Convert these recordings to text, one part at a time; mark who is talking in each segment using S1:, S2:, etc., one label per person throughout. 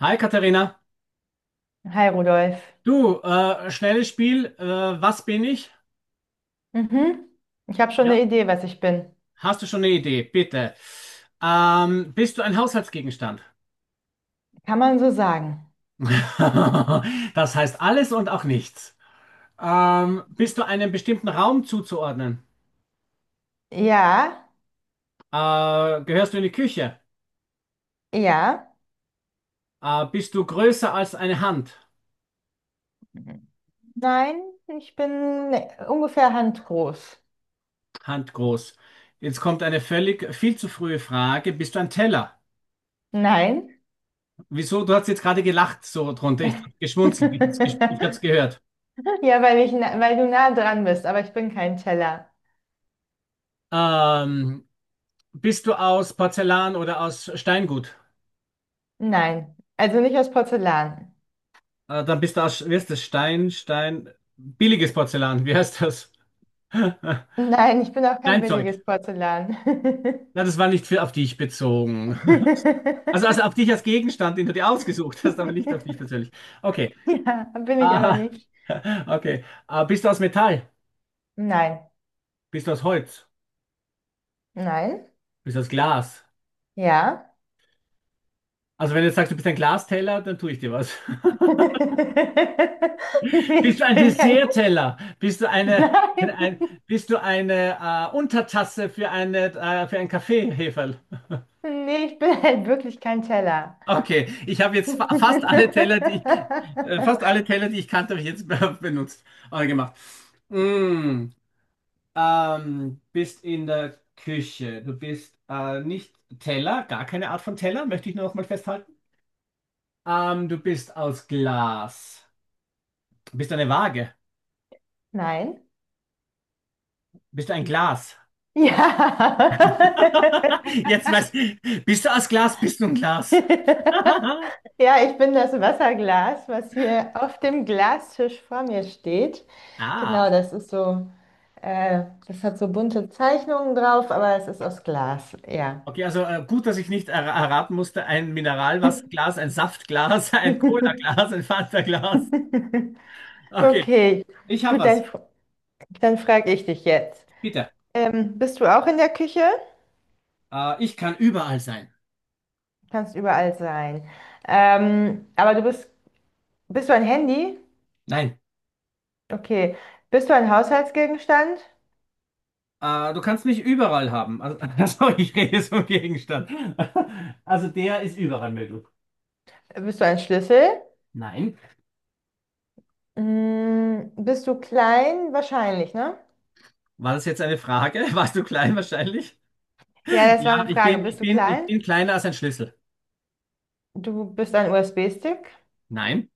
S1: Hi Katharina,
S2: Hi Rudolf.
S1: du, schnelles Spiel, was bin ich?
S2: Mhm. Ich habe schon
S1: Ja.
S2: eine Idee, was ich bin.
S1: Hast du schon eine Idee? Bitte. Bist du ein Haushaltsgegenstand?
S2: Kann man so sagen?
S1: Das heißt alles und auch nichts. Bist du einem bestimmten Raum zuzuordnen?
S2: Ja,
S1: Gehörst du in die Küche?
S2: ja.
S1: Bist du größer als eine Hand?
S2: Mhm. Nein, ich bin ungefähr handgroß.
S1: Handgroß. Jetzt kommt eine völlig viel zu frühe Frage. Bist du ein Teller?
S2: Nein.
S1: Wieso? Du hast jetzt gerade gelacht so drunter. Ich habe geschmunzelt. Ich habe es gehört.
S2: Ja, weil weil du nah dran bist, aber ich bin kein Teller.
S1: Ähm, Bist du aus Porzellan oder aus Steingut?
S2: Nein. Also nicht aus Porzellan.
S1: Dann bist du aus, wie heißt das? Billiges Porzellan, wie heißt das?
S2: Nein, ich bin auch kein
S1: Steinzeug.
S2: billiges Porzellan.
S1: Na, das war nicht für, auf dich bezogen. Also auf dich als Gegenstand, den du dir ausgesucht hast, aber nicht auf dich persönlich. Okay.
S2: Ja, bin ich aber
S1: Ah,
S2: nicht.
S1: okay. Ah, bist du aus Metall?
S2: Nein.
S1: Bist du aus Holz?
S2: Nein.
S1: Bist du aus Glas?
S2: Ja.
S1: Also wenn du jetzt sagst, du bist ein Glasteller, dann tue ich dir was.
S2: Nee,
S1: Bist du
S2: ich
S1: ein
S2: bin kein.
S1: Dessertteller?
S2: Nein.
S1: Bist du eine Untertasse für für einen Kaffeeheferl?
S2: Nee, ich bin halt wirklich kein Teller.
S1: Okay, ich habe jetzt fa fast alle Teller, die fast alle Teller, die ich kannte, habe ich jetzt benutzt oder gemacht. Mm, bist in der Küche. Du bist nicht Teller, gar keine Art von Teller, möchte ich nur noch mal festhalten. Du bist aus Glas. Bist du eine Waage?
S2: Nein.
S1: Bist du ein Glas?
S2: Ja.
S1: Jetzt weiß bist du aus Glas, bist du ein Glas.
S2: Ja, ich bin das Wasserglas, was hier auf dem Glastisch vor mir steht. Genau,
S1: Ah,
S2: das ist so, das hat so bunte Zeichnungen drauf, aber es ist aus Glas, ja.
S1: okay, also gut, dass ich nicht er erraten musste, ein Mineralwasserglas, ein Saftglas, ein Cola-Glas, ein Fanta-Glas. Okay,
S2: Okay,
S1: ich habe
S2: gut, dann,
S1: was.
S2: dann frage ich dich jetzt.
S1: Bitte.
S2: Bist du auch in der Küche?
S1: Ich kann überall sein.
S2: Kannst überall sein. Ähm, aber du bist, bist du ein Handy?
S1: Nein,
S2: Okay. Bist du ein Haushaltsgegenstand?
S1: du kannst mich überall haben. Also, also ich rede jetzt vom Gegenstand. Also der ist überall möglich.
S2: Bist du ein Schlüssel?
S1: Nein.
S2: Mm, bist du klein? Wahrscheinlich, ne?
S1: War das jetzt eine Frage? Warst du klein wahrscheinlich?
S2: Ja, das war
S1: Ja,
S2: eine Frage. Bist du
S1: ich
S2: klein?
S1: bin kleiner als ein Schlüssel.
S2: Du bist ein USB-Stick?
S1: Nein.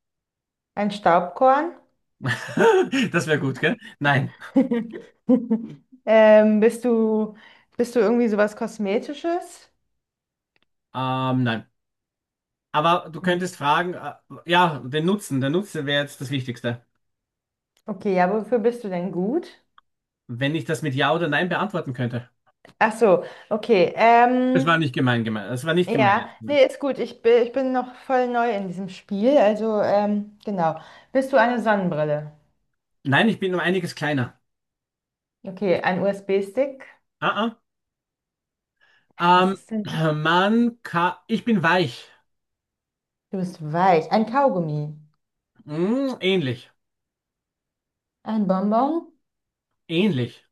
S2: Ein Staubkorn?
S1: Das wäre gut, gell? Nein.
S2: Ähm, bist du, bist du irgendwie sowas Kosmetisches?
S1: Nein. Aber du
S2: Mhm.
S1: könntest fragen, ja, den Nutzen. Der Nutzen wäre jetzt das Wichtigste.
S2: Okay, ja, wofür bist du denn gut?
S1: Wenn ich das mit Ja oder Nein beantworten könnte.
S2: Ach so, okay.
S1: Es war nicht gemein gemeint. Es war nicht gemein
S2: Ja,
S1: jetzt.
S2: nee, ist gut. Ich bin noch voll neu in diesem Spiel. Also, genau. Bist du eine Sonnenbrille?
S1: Nein, ich bin um einiges kleiner.
S2: Okay, ein USB-Stick.
S1: Ah,
S2: Was
S1: ah.
S2: ist denn?
S1: Man kann. Ich bin weich.
S2: Du bist weich. Ein Kaugummi.
S1: Hm, ähnlich.
S2: Ein Bonbon.
S1: Ähnlich.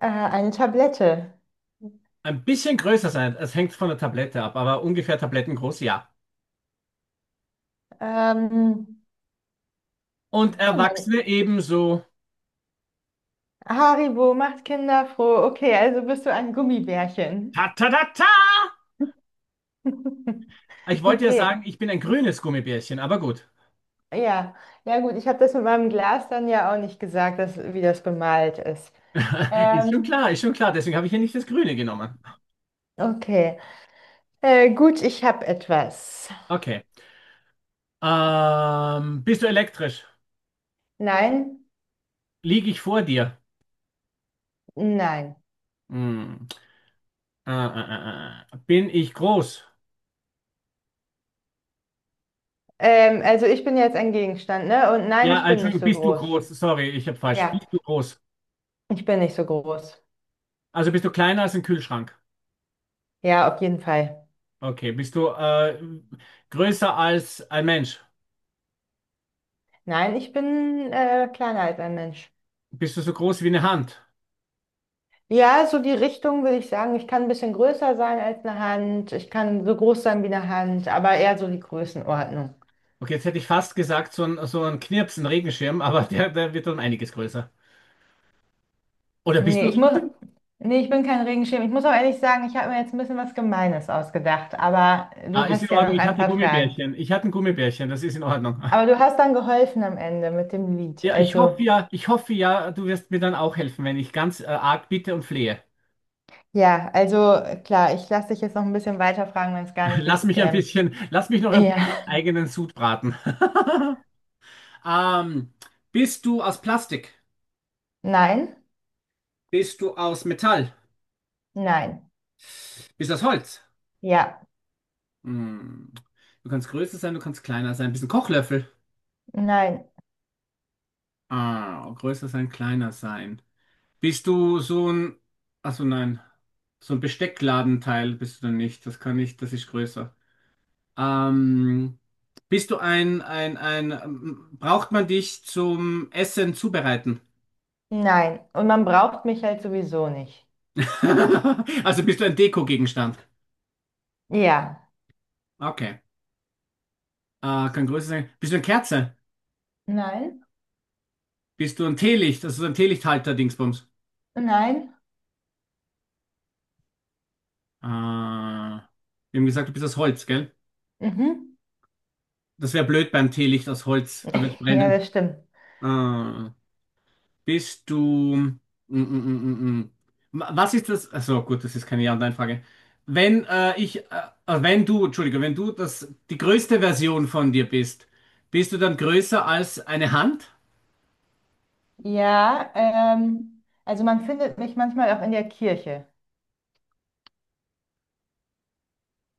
S2: Eine Tablette.
S1: Ein bisschen größer sein. Es hängt von der Tablette ab, aber ungefähr tablettengroß, ja.
S2: Ähm, was
S1: Und
S2: gibt's denn?
S1: Erwachsene ebenso.
S2: Haribo macht Kinder froh. Okay, also bist du ein Gummibärchen.
S1: Ta-ta-ta-ta! Ich wollte ja
S2: Okay,
S1: sagen, ich bin ein grünes Gummibärchen, aber gut.
S2: ja. Ja, gut, ich habe das mit meinem Glas dann ja auch nicht gesagt, dass, wie das bemalt ist.
S1: Ist schon
S2: Ähm,
S1: klar, ist schon klar. Deswegen habe ich ja nicht das Grüne genommen.
S2: okay. Gut, ich habe etwas.
S1: Okay. Bist du elektrisch?
S2: Nein,
S1: Liege ich vor dir?
S2: nein.
S1: Hm. Bin ich groß?
S2: Also ich bin jetzt ein Gegenstand, ne? Und nein,
S1: Ja,
S2: ich bin nicht
S1: Entschuldigung,
S2: so
S1: bist du
S2: groß.
S1: groß? Sorry, ich habe falsch.
S2: Ja,
S1: Bist du groß?
S2: ich bin nicht so groß.
S1: Also bist du kleiner als ein Kühlschrank?
S2: Ja, auf jeden Fall.
S1: Okay. Bist du größer als ein Mensch?
S2: Nein, ich bin kleiner als ein Mensch.
S1: Bist du so groß wie eine Hand?
S2: Ja, so die Richtung würde ich sagen. Ich kann ein bisschen größer sein als eine Hand. Ich kann so groß sein wie eine Hand, aber eher so die Größenordnung.
S1: Okay, jetzt hätte ich fast gesagt, so ein Knirps, ein Regenschirm, aber der wird dann einiges größer. Oder bist du
S2: Nee,
S1: ein
S2: ich muss.
S1: Regenschirm?
S2: Nee, ich bin kein Regenschirm. Ich muss auch ehrlich sagen, ich habe mir jetzt ein bisschen was Gemeines ausgedacht, aber
S1: Ah,
S2: du
S1: ist in
S2: hast ja
S1: Ordnung.
S2: noch
S1: Ich
S2: ein
S1: hatte
S2: paar Fragen.
S1: Gummibärchen. Ich hatte ein Gummibärchen. Das ist in Ordnung.
S2: Aber du hast dann geholfen am Ende mit dem Lied. Also,
S1: Ich hoffe ja, du wirst mir dann auch helfen, wenn ich ganz arg bitte und flehe.
S2: ja, also klar, ich lasse dich jetzt noch ein bisschen weiter fragen, wenn es gar nicht geht.
S1: Lass mich noch ein
S2: Ja,
S1: bisschen eigenen Sud braten. Ähm, Bist du aus Plastik?
S2: nein,
S1: Bist du aus Metall?
S2: nein,
S1: Bist du aus Holz?
S2: ja,
S1: Hm. Du kannst größer sein, du kannst kleiner sein. Bist ein Kochlöffel?
S2: nein,
S1: Ah, größer sein, kleiner sein. Bist du so ein, also nein, so ein Besteckladenteil bist du dann nicht. Das kann ich, das ist größer. Ähm, bist du ein, braucht man dich zum Essen zubereiten?
S2: nein. Und man braucht mich halt sowieso nicht.
S1: Also bist du ein Dekogegenstand?
S2: Ja,
S1: Okay. Kann größer sein. Bist du eine Kerze?
S2: nein,
S1: Bist du ein Teelicht? Also so ein Teelichthalter-Dingsbums.
S2: nein,
S1: Wir haben gesagt, du bist aus Holz, gell?
S2: mhm.
S1: Das wäre blöd beim Teelicht aus Holz. Da wird
S2: Ja,
S1: brennen.
S2: das stimmt.
S1: Äh, Bist du. Mm, mm, mm, mm. Was ist das? Also gut, das ist keine Ja- und Nein-Frage. Wenn äh, ich, äh, wenn du, Entschuldige, wenn du das, die größte Version von dir bist, bist du dann größer als eine Hand?
S2: Ja, also man findet mich manchmal auch in der Kirche.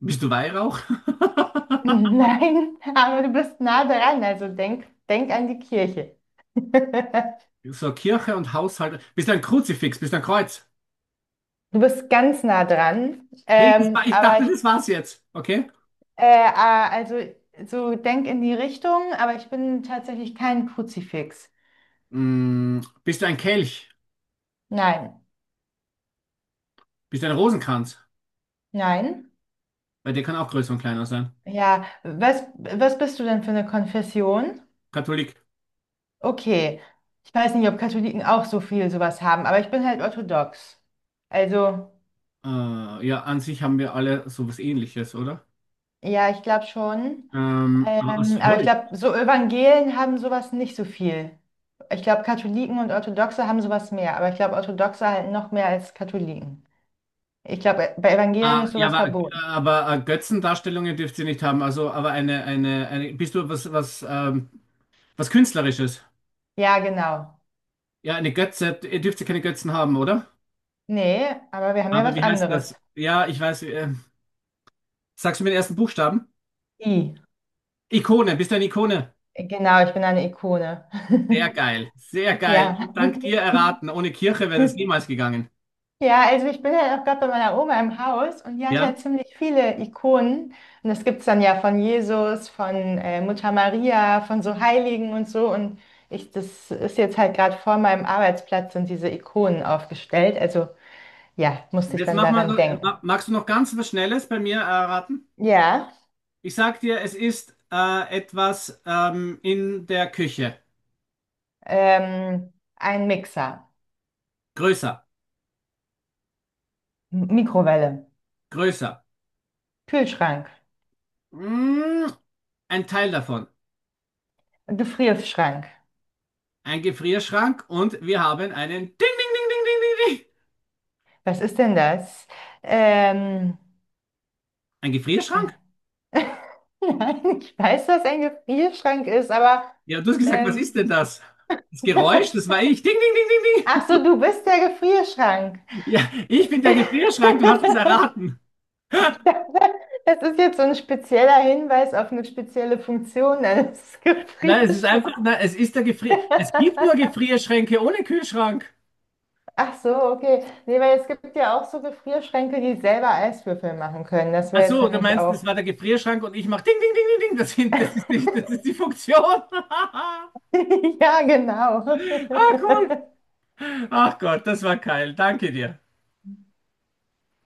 S1: Bist du Weihrauch?
S2: Nein, aber du bist nah dran, also denk, denk an die Kirche.
S1: So Kirche und Haushalt. Bist du ein Kruzifix? Bist du ein Kreuz?
S2: Du bist ganz nah dran,
S1: Hey, das war, ich
S2: aber
S1: dachte,
S2: ich,
S1: das war's jetzt. Okay?
S2: ah, also so denk in die Richtung, aber ich bin tatsächlich kein Kruzifix.
S1: Mm, bist du ein Kelch?
S2: Nein,
S1: Bist du ein Rosenkranz?
S2: nein.
S1: Weil der kann auch größer und kleiner sein.
S2: Ja, was bist du denn für eine Konfession?
S1: Katholik.
S2: Okay, ich weiß nicht, ob Katholiken auch so viel sowas haben, aber ich bin halt orthodox. Also.
S1: Ja, an sich haben wir alle sowas Ähnliches, oder?
S2: Ja, ich glaube schon.
S1: Aus
S2: Aber ich
S1: Holz.
S2: glaube, so Evangelen haben sowas nicht so viel. Ich glaube, Katholiken und Orthodoxe haben sowas mehr, aber ich glaube, Orthodoxe halt noch mehr als Katholiken. Ich glaube, bei Evangelen ist
S1: Ja,
S2: sowas verboten.
S1: aber Götzendarstellungen dürft ihr nicht haben. Bist du was, was Künstlerisches?
S2: Ja, genau.
S1: Ja, eine Götze, ihr dürft ja keine Götzen haben, oder?
S2: Nee, aber wir haben ja
S1: Aber
S2: was
S1: wie heißt das?
S2: anderes.
S1: Ja, ich weiß. Sagst du mir den ersten Buchstaben?
S2: I.
S1: Ikone, bist du eine Ikone?
S2: Genau, ich bin eine Ikone.
S1: Sehr geil, sehr geil.
S2: Ja.
S1: Und dank dir erraten, ohne Kirche wäre das niemals gegangen.
S2: Ja, also ich bin halt auch gerade bei meiner Oma im Haus und die hat halt
S1: Ja?
S2: ziemlich viele Ikonen. Und das gibt's dann ja von Jesus, von Mutter Maria, von so Heiligen und so. Und das ist jetzt halt gerade vor meinem Arbeitsplatz sind diese Ikonen aufgestellt. Also ja, musste ich
S1: Jetzt
S2: dann
S1: mach mal,
S2: daran denken.
S1: magst du noch ganz was Schnelles bei mir erraten?
S2: Ja,
S1: Ich sag dir, es ist etwas in der Küche.
S2: ein Mixer,
S1: Größer,
S2: Mikrowelle,
S1: größer.
S2: Kühlschrank,
S1: Mm, ein Teil davon.
S2: Gefrierschrank.
S1: Ein Gefrierschrank und wir haben einen Ding, Ding, Ding, Ding, Ding, Ding, Ding.
S2: Was ist denn das? Ähm,
S1: Ein
S2: äh,
S1: Gefrierschrank?
S2: Nein, ich weiß, was ein Gefrierschrank ist, aber
S1: Ja, du hast gesagt, was ist
S2: ähm,
S1: denn das? Das Geräusch, das war ich. Ding, ding, ding,
S2: ach so, du bist der Gefrierschrank.
S1: ding, ding. Ja, ich bin der Gefrierschrank, du hast es erraten.
S2: Ich dachte, das ist jetzt so ein spezieller Hinweis auf eine spezielle Funktion eines
S1: Nein, es ist einfach,
S2: Gefrierschranks.
S1: nein, es ist der Gefrier. Es gibt nur Gefrierschränke ohne Kühlschrank.
S2: Ach so, okay. Nee, weil es gibt ja auch so Gefrierschränke, die selber Eiswürfel machen können. Das
S1: Ach
S2: wäre jetzt
S1: so, du
S2: nämlich
S1: meinst, das
S2: auch.
S1: war der Gefrierschrank und ich mach ding, ding, ding, ding, ding. Das sind, das ist die Funktion.
S2: Ja, genau.
S1: Ah, cool. Ach Gott, das war geil. Danke dir.